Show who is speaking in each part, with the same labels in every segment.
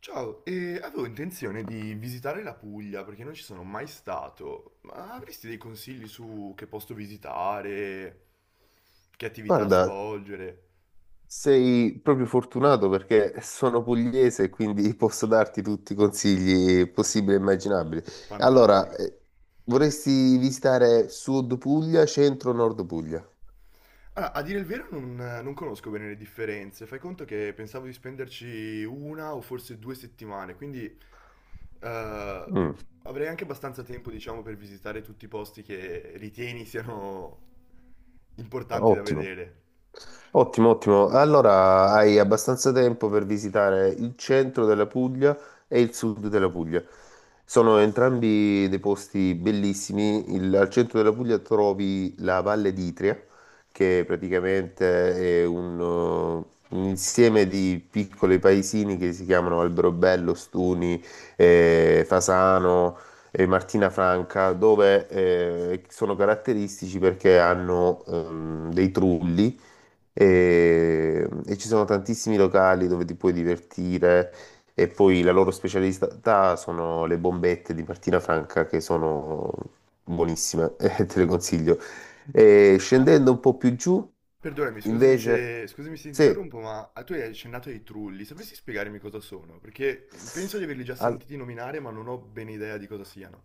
Speaker 1: Ciao, avevo intenzione di visitare la Puglia perché non ci sono mai stato, ma avresti dei consigli su che posto visitare, che attività
Speaker 2: Guarda,
Speaker 1: svolgere?
Speaker 2: sei proprio fortunato perché sono pugliese e quindi posso darti tutti i consigli possibili e immaginabili. Allora,
Speaker 1: Fantastico.
Speaker 2: vorresti visitare Sud Puglia, Centro, Nord Puglia?
Speaker 1: Allora, a dire il vero non conosco bene le differenze, fai conto che pensavo di spenderci una o forse due settimane, quindi eh,
Speaker 2: Mm,
Speaker 1: avrei anche abbastanza tempo, diciamo, per visitare tutti i posti che ritieni siano importanti da
Speaker 2: ottimo.
Speaker 1: vedere.
Speaker 2: Ottimo, ottimo. Allora hai abbastanza tempo per visitare il centro della Puglia e il sud della Puglia. Sono entrambi dei posti bellissimi. Al centro della Puglia trovi la Valle d'Itria, che praticamente è un insieme di piccoli paesini che si chiamano Alberobello, Stuni, Fasano e Martina Franca, dove sono caratteristici perché hanno dei trulli e ci sono tantissimi locali dove ti puoi divertire e poi la loro specialità sono le bombette di Martina Franca che sono buonissime. Te le consiglio. E
Speaker 1: No,
Speaker 2: scendendo un po' più giù,
Speaker 1: perdonami,
Speaker 2: invece,
Speaker 1: scusami se ti
Speaker 2: sì.
Speaker 1: interrompo, ma tu hai accennato ai trulli, sapresti spiegarmi cosa sono? Perché penso di averli già
Speaker 2: al-
Speaker 1: sentiti nominare, ma non ho ben idea di cosa siano.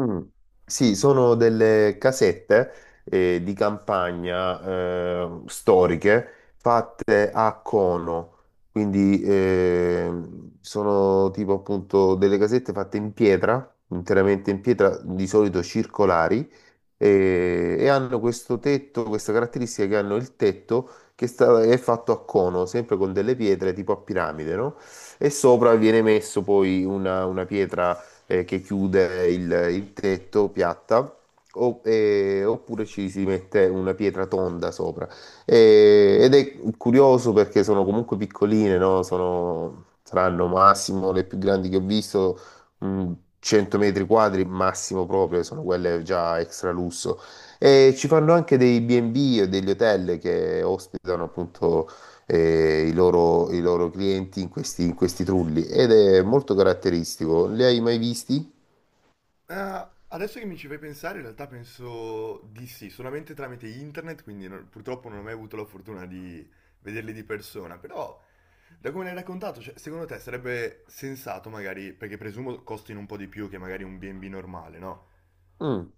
Speaker 2: Mm. Sì, sono delle casette di campagna storiche fatte a cono, quindi sono tipo appunto delle casette fatte in pietra, interamente in pietra, di solito circolari, e hanno questo tetto, questa caratteristica che hanno il tetto che è fatto a cono, sempre con delle pietre tipo a piramide, no? E sopra viene messo poi una pietra che chiude il tetto piatta, oppure ci si mette una pietra tonda sopra. Ed è curioso perché sono comunque piccoline, no? Saranno massimo le più grandi che ho visto, mh, 100 metri quadri massimo proprio, sono quelle già extra lusso. E ci fanno anche dei B&B o degli hotel che ospitano appunto i loro clienti in questi trulli ed è molto caratteristico. Li hai mai visti?
Speaker 1: Ah, adesso che mi ci fai pensare, in realtà penso di sì, solamente tramite internet, quindi purtroppo non ho mai avuto la fortuna di vederli di persona, però da come l'hai raccontato, cioè, secondo te sarebbe sensato magari, perché presumo costino un po' di più che magari un B&B normale, no?
Speaker 2: Mm,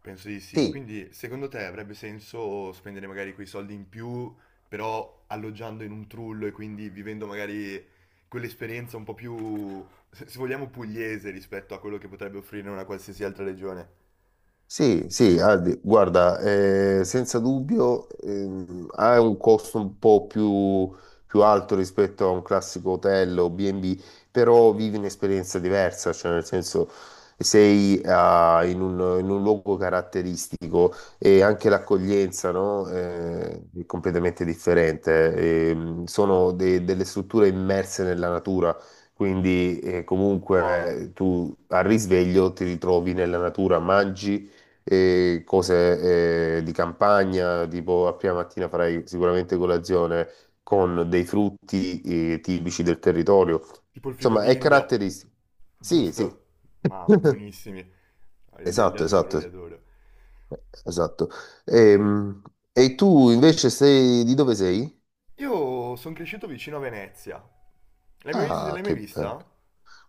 Speaker 1: Penso di sì.
Speaker 2: sì.
Speaker 1: Quindi, secondo te avrebbe senso spendere magari quei soldi in più, però alloggiando in un trullo e quindi vivendo magari quell'esperienza un po' più, se vogliamo, pugliese rispetto a quello che potrebbe offrire una qualsiasi altra regione?
Speaker 2: Sì, sì, Aldi, guarda, senza dubbio ha un costo un po' più alto rispetto a un classico hotel o B&B, però vivi un'esperienza diversa, cioè nel senso sei in un luogo caratteristico e anche l'accoglienza, no, è completamente differente. Sono delle strutture immerse nella natura. Quindi
Speaker 1: Wow.
Speaker 2: comunque tu al risveglio ti ritrovi nella natura, mangi, e cose di campagna, tipo a prima mattina farai sicuramente colazione con dei frutti tipici del territorio.
Speaker 1: Tipo il fico
Speaker 2: Insomma, è
Speaker 1: d'India,
Speaker 2: caratteristico. Sì, sì.
Speaker 1: giusto? Ma buonissimi. Ah, io li
Speaker 2: Esatto,
Speaker 1: adoro, li
Speaker 2: esatto,
Speaker 1: adoro.
Speaker 2: esatto. Ehm, tu invece sei di dove sei?
Speaker 1: Io sono cresciuto vicino a Venezia.
Speaker 2: Ah,
Speaker 1: L'hai mai
Speaker 2: che bello.
Speaker 1: vista?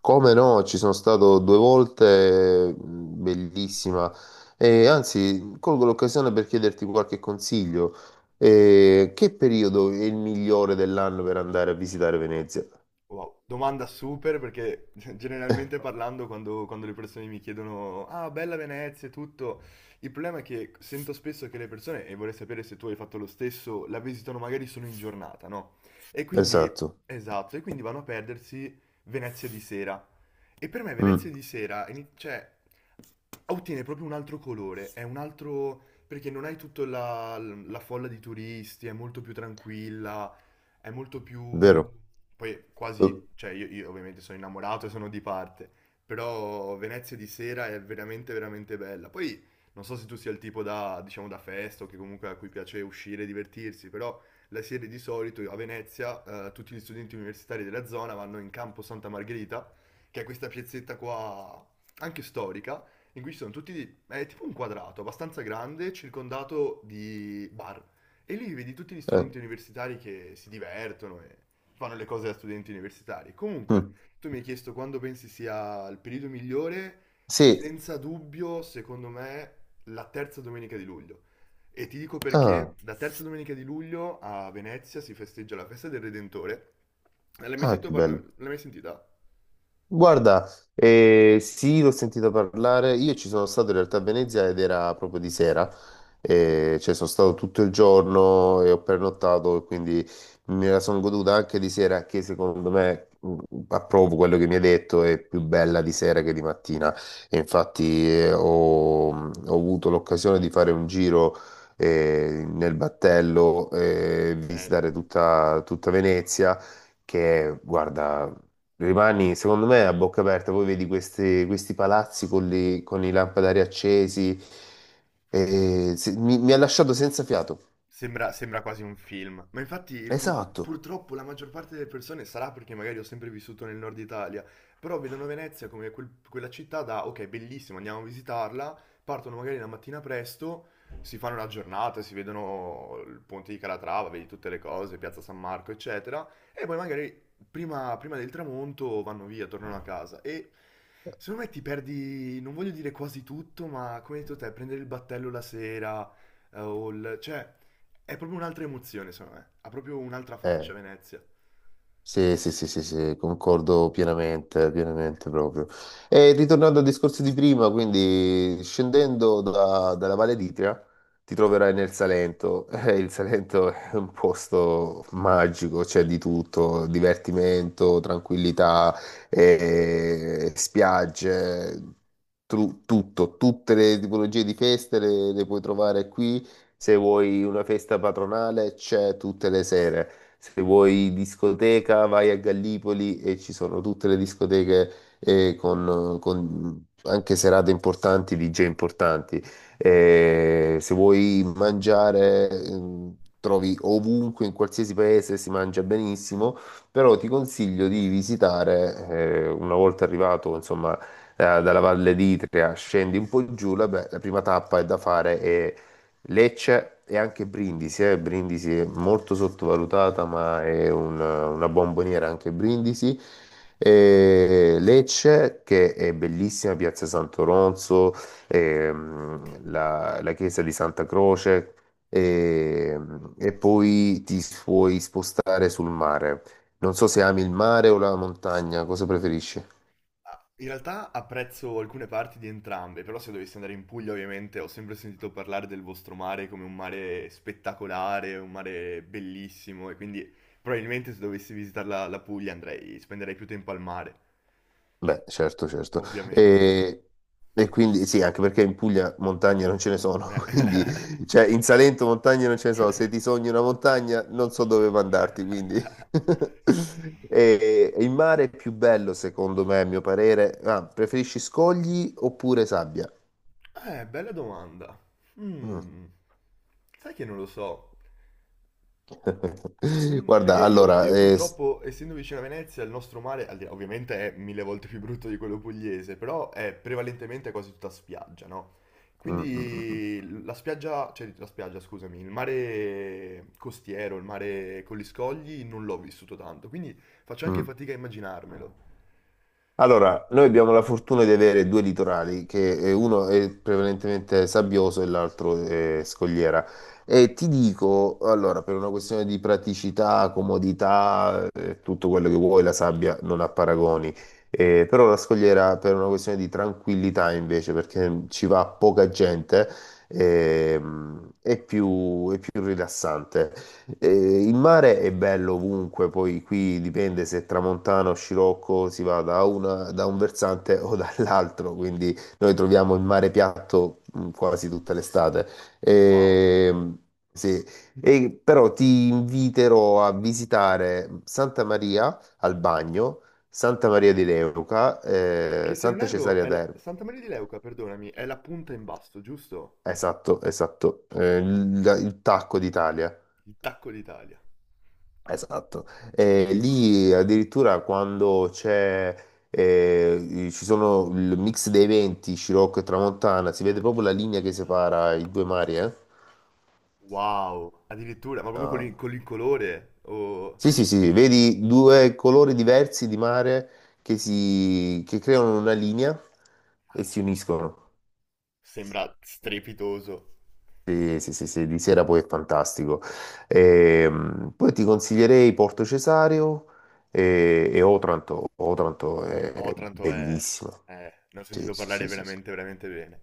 Speaker 2: Come no, ci sono stato due volte, bellissima. E anzi, colgo l'occasione per chiederti qualche consiglio. Che periodo è il migliore dell'anno per andare a visitare Venezia?
Speaker 1: Wow, domanda super perché generalmente parlando quando le persone mi chiedono ah, bella Venezia e tutto, il problema è che sento spesso che le persone, e vorrei sapere se tu hai fatto lo stesso, la visitano magari solo in giornata, no? E quindi,
Speaker 2: Esatto,
Speaker 1: esatto, e quindi vanno a perdersi Venezia di sera. E per me Venezia
Speaker 2: Mm,
Speaker 1: di sera, cioè, ottiene proprio un altro colore, è un altro, perché non hai tutta la folla di turisti, è molto più tranquilla, è molto più...
Speaker 2: vero.
Speaker 1: Poi quasi, cioè io ovviamente sono innamorato e sono di parte, però Venezia di sera è veramente veramente bella. Poi non so se tu sia il tipo da, diciamo, da festa o che comunque a cui piace uscire e divertirsi, però la sera di solito a Venezia tutti gli studenti universitari della zona vanno in Campo Santa Margherita, che è questa piazzetta qua anche storica, in cui ci sono tutti, è tipo un quadrato abbastanza grande, circondato di bar. E lì vedi tutti gli
Speaker 2: Eh,
Speaker 1: studenti universitari che si divertono e fanno le cose da studenti universitari. Comunque,
Speaker 2: mm.
Speaker 1: tu mi hai chiesto quando pensi sia il periodo migliore,
Speaker 2: Sì,
Speaker 1: senza dubbio, secondo me, la terza domenica di luglio. E ti dico perché
Speaker 2: ah,
Speaker 1: la terza domenica di luglio a Venezia si festeggia la festa del Redentore.
Speaker 2: ah, che bello.
Speaker 1: L'hai mai sentita?
Speaker 2: Guarda, sì, l'ho sentito parlare. Io ci sono stato in realtà a Venezia ed era proprio di sera.
Speaker 1: Uh,
Speaker 2: Cioè sono stato tutto il giorno e ho pernottato, e quindi me la sono goduta anche di sera, che secondo me approvo quello che mi hai detto, è più bella di sera che di mattina. E infatti ho avuto l'occasione di fare un giro. Nel battello,
Speaker 1: bello.
Speaker 2: visitare tutta Venezia che guarda, rimani, secondo me, a bocca aperta, poi vedi questi palazzi con, con i lampadari accesi, mi ha lasciato senza fiato.
Speaker 1: Sembra quasi un film, ma infatti
Speaker 2: Esatto,
Speaker 1: purtroppo la maggior parte delle persone sarà perché magari ho sempre vissuto nel nord Italia, però vedono Venezia come quella città da ok, bellissimo, andiamo a visitarla, partono magari la mattina presto, si fanno una giornata, si vedono il ponte di Calatrava, vedi tutte le cose, Piazza San Marco, eccetera, e poi magari prima del tramonto vanno via, tornano a casa e secondo me ti perdi, non voglio dire quasi tutto, ma come hai detto te, prendere il battello la sera, cioè... È proprio un'altra emozione, secondo me. Ha proprio un'altra faccia
Speaker 2: eh,
Speaker 1: Venezia.
Speaker 2: sì, sì, sì, sì, sì, concordo pienamente, pienamente proprio. E ritornando al discorso di prima, quindi scendendo dalla Valle d'Itria, ti troverai nel Salento. Il Salento è un posto magico, c'è di tutto, divertimento, tranquillità, spiagge, tutto, tutte le tipologie di feste le puoi trovare qui. Se vuoi una festa patronale, c'è tutte le sere. Se vuoi discoteca, vai a Gallipoli e ci sono tutte le discoteche con anche serate importanti, DJ importanti. Se vuoi mangiare, trovi ovunque, in qualsiasi paese si mangia benissimo, però ti consiglio di visitare, una volta arrivato, insomma, dalla Valle d'Itria, scendi un po' giù, la prima tappa è da fare è Lecce e anche Brindisi, eh. Brindisi è molto sottovalutata, ma è una bomboniera anche Brindisi. E Lecce, che è bellissima, Piazza Santo Ronzo, la chiesa di Santa Croce, e poi ti puoi spostare sul mare. Non so se ami il mare o la montagna, cosa preferisci?
Speaker 1: Ah, in realtà apprezzo alcune parti di entrambe, però se dovessi andare in Puglia, ovviamente, ho sempre sentito parlare del vostro mare come un mare spettacolare, un mare bellissimo, e quindi probabilmente se dovessi visitare la Puglia andrei, spenderei più tempo al mare,
Speaker 2: Beh, certo, certo.
Speaker 1: ovviamente.
Speaker 2: E, e quindi sì, anche perché in Puglia montagne non ce ne sono, quindi
Speaker 1: Eh.
Speaker 2: cioè in Salento montagne non ce ne sono, se ti sogni una montagna non so dove mandarti, quindi e il mare è più bello secondo me, a mio parere. Ah, preferisci scogli oppure sabbia?
Speaker 1: Bella domanda.
Speaker 2: Mm.
Speaker 1: Mm. Sai che non lo so. Perché
Speaker 2: Guarda, allora,
Speaker 1: io purtroppo, essendo vicino a Venezia, il nostro mare, ovviamente è mille volte più brutto di quello pugliese, però è prevalentemente quasi tutta spiaggia, no?
Speaker 2: mm, mm, mm,
Speaker 1: Quindi la spiaggia, scusami, il mare costiero, il mare con gli scogli, non l'ho vissuto tanto, quindi faccio
Speaker 2: mm.
Speaker 1: anche
Speaker 2: Mm.
Speaker 1: fatica a immaginarmelo.
Speaker 2: Allora, noi abbiamo la fortuna di avere due litorali, che uno è prevalentemente sabbioso e l'altro è scogliera. E ti dico, allora, per una questione di praticità, comodità, tutto quello che vuoi, la sabbia non ha paragoni. Però la scogliera per una questione di tranquillità invece, perché ci va poca gente, è è più rilassante. Il mare è bello ovunque, poi qui dipende se è tramontano o scirocco si va da un versante o dall'altro, quindi noi troviamo il mare piatto quasi tutta l'estate.
Speaker 1: Wow.
Speaker 2: Ehm, sì. E però ti inviterò a visitare Santa Maria al Bagno, Santa Maria di Leuca,
Speaker 1: Che se non
Speaker 2: Santa
Speaker 1: erro,
Speaker 2: Cesarea Terme.
Speaker 1: Santa Maria di Leuca, perdonami, è la punta in basso, giusto?
Speaker 2: Esatto, esatto. Il Tacco d'Italia.
Speaker 1: Il tacco d'Italia.
Speaker 2: Esatto. Lì addirittura quando c'è, ci sono il mix dei venti, Scirocco e Tramontana, si vede proprio la linea che separa i due mari, eh?
Speaker 1: Wow. Addirittura, ma proprio con
Speaker 2: Ah.
Speaker 1: con l'incolore, o...
Speaker 2: Sì, sì, sì, sì, vedi due colori diversi di mare che, si, che creano una linea e si uniscono.
Speaker 1: Sembra strepitoso.
Speaker 2: Sì, sì, sì, sì, di sera poi è fantastico. Poi ti consiglierei Porto Cesario e Otranto. Otranto è
Speaker 1: Otranto è...
Speaker 2: bellissima.
Speaker 1: ne ho
Speaker 2: Sì,
Speaker 1: sentito
Speaker 2: sì,
Speaker 1: parlare
Speaker 2: sì, sì, sì,
Speaker 1: veramente, veramente bene.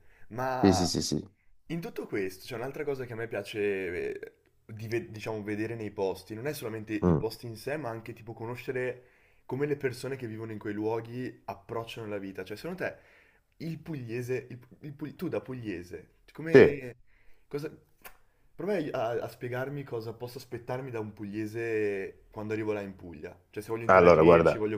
Speaker 2: sì, sì,
Speaker 1: Ma
Speaker 2: sì. Sì.
Speaker 1: in tutto questo c'è un'altra cosa che a me piace, eh, di diciamo, vedere nei posti, non è solamente i
Speaker 2: Mm.
Speaker 1: posti in sé, ma anche tipo conoscere come le persone che vivono in quei luoghi approcciano la vita. Cioè, secondo te il pugliese, tu da pugliese,
Speaker 2: Sì.
Speaker 1: come, cosa, prova a, a spiegarmi cosa posso aspettarmi da un pugliese quando arrivo là in Puglia. Cioè, se voglio
Speaker 2: Allora,
Speaker 1: interagirci,
Speaker 2: guarda,
Speaker 1: voglio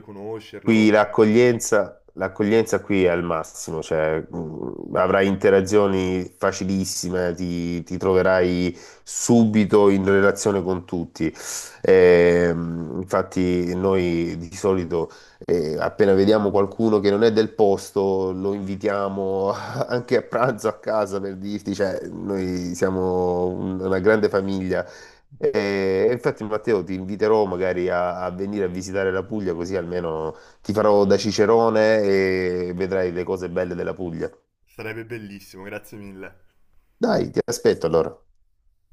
Speaker 2: qui
Speaker 1: conoscerlo,
Speaker 2: l'accoglienza qui è al massimo, cioè avrai interazioni facilissime, ti troverai subito in relazione con tutti. Infatti noi di solito appena vediamo qualcuno che non è del posto, lo invitiamo anche a pranzo a casa per dirti, cioè noi siamo una grande famiglia. E infatti Matteo ti inviterò magari a venire a visitare la Puglia così almeno ti farò da cicerone e vedrai le cose belle della Puglia.
Speaker 1: sarebbe bellissimo, grazie mille.
Speaker 2: Dai, ti aspetto allora.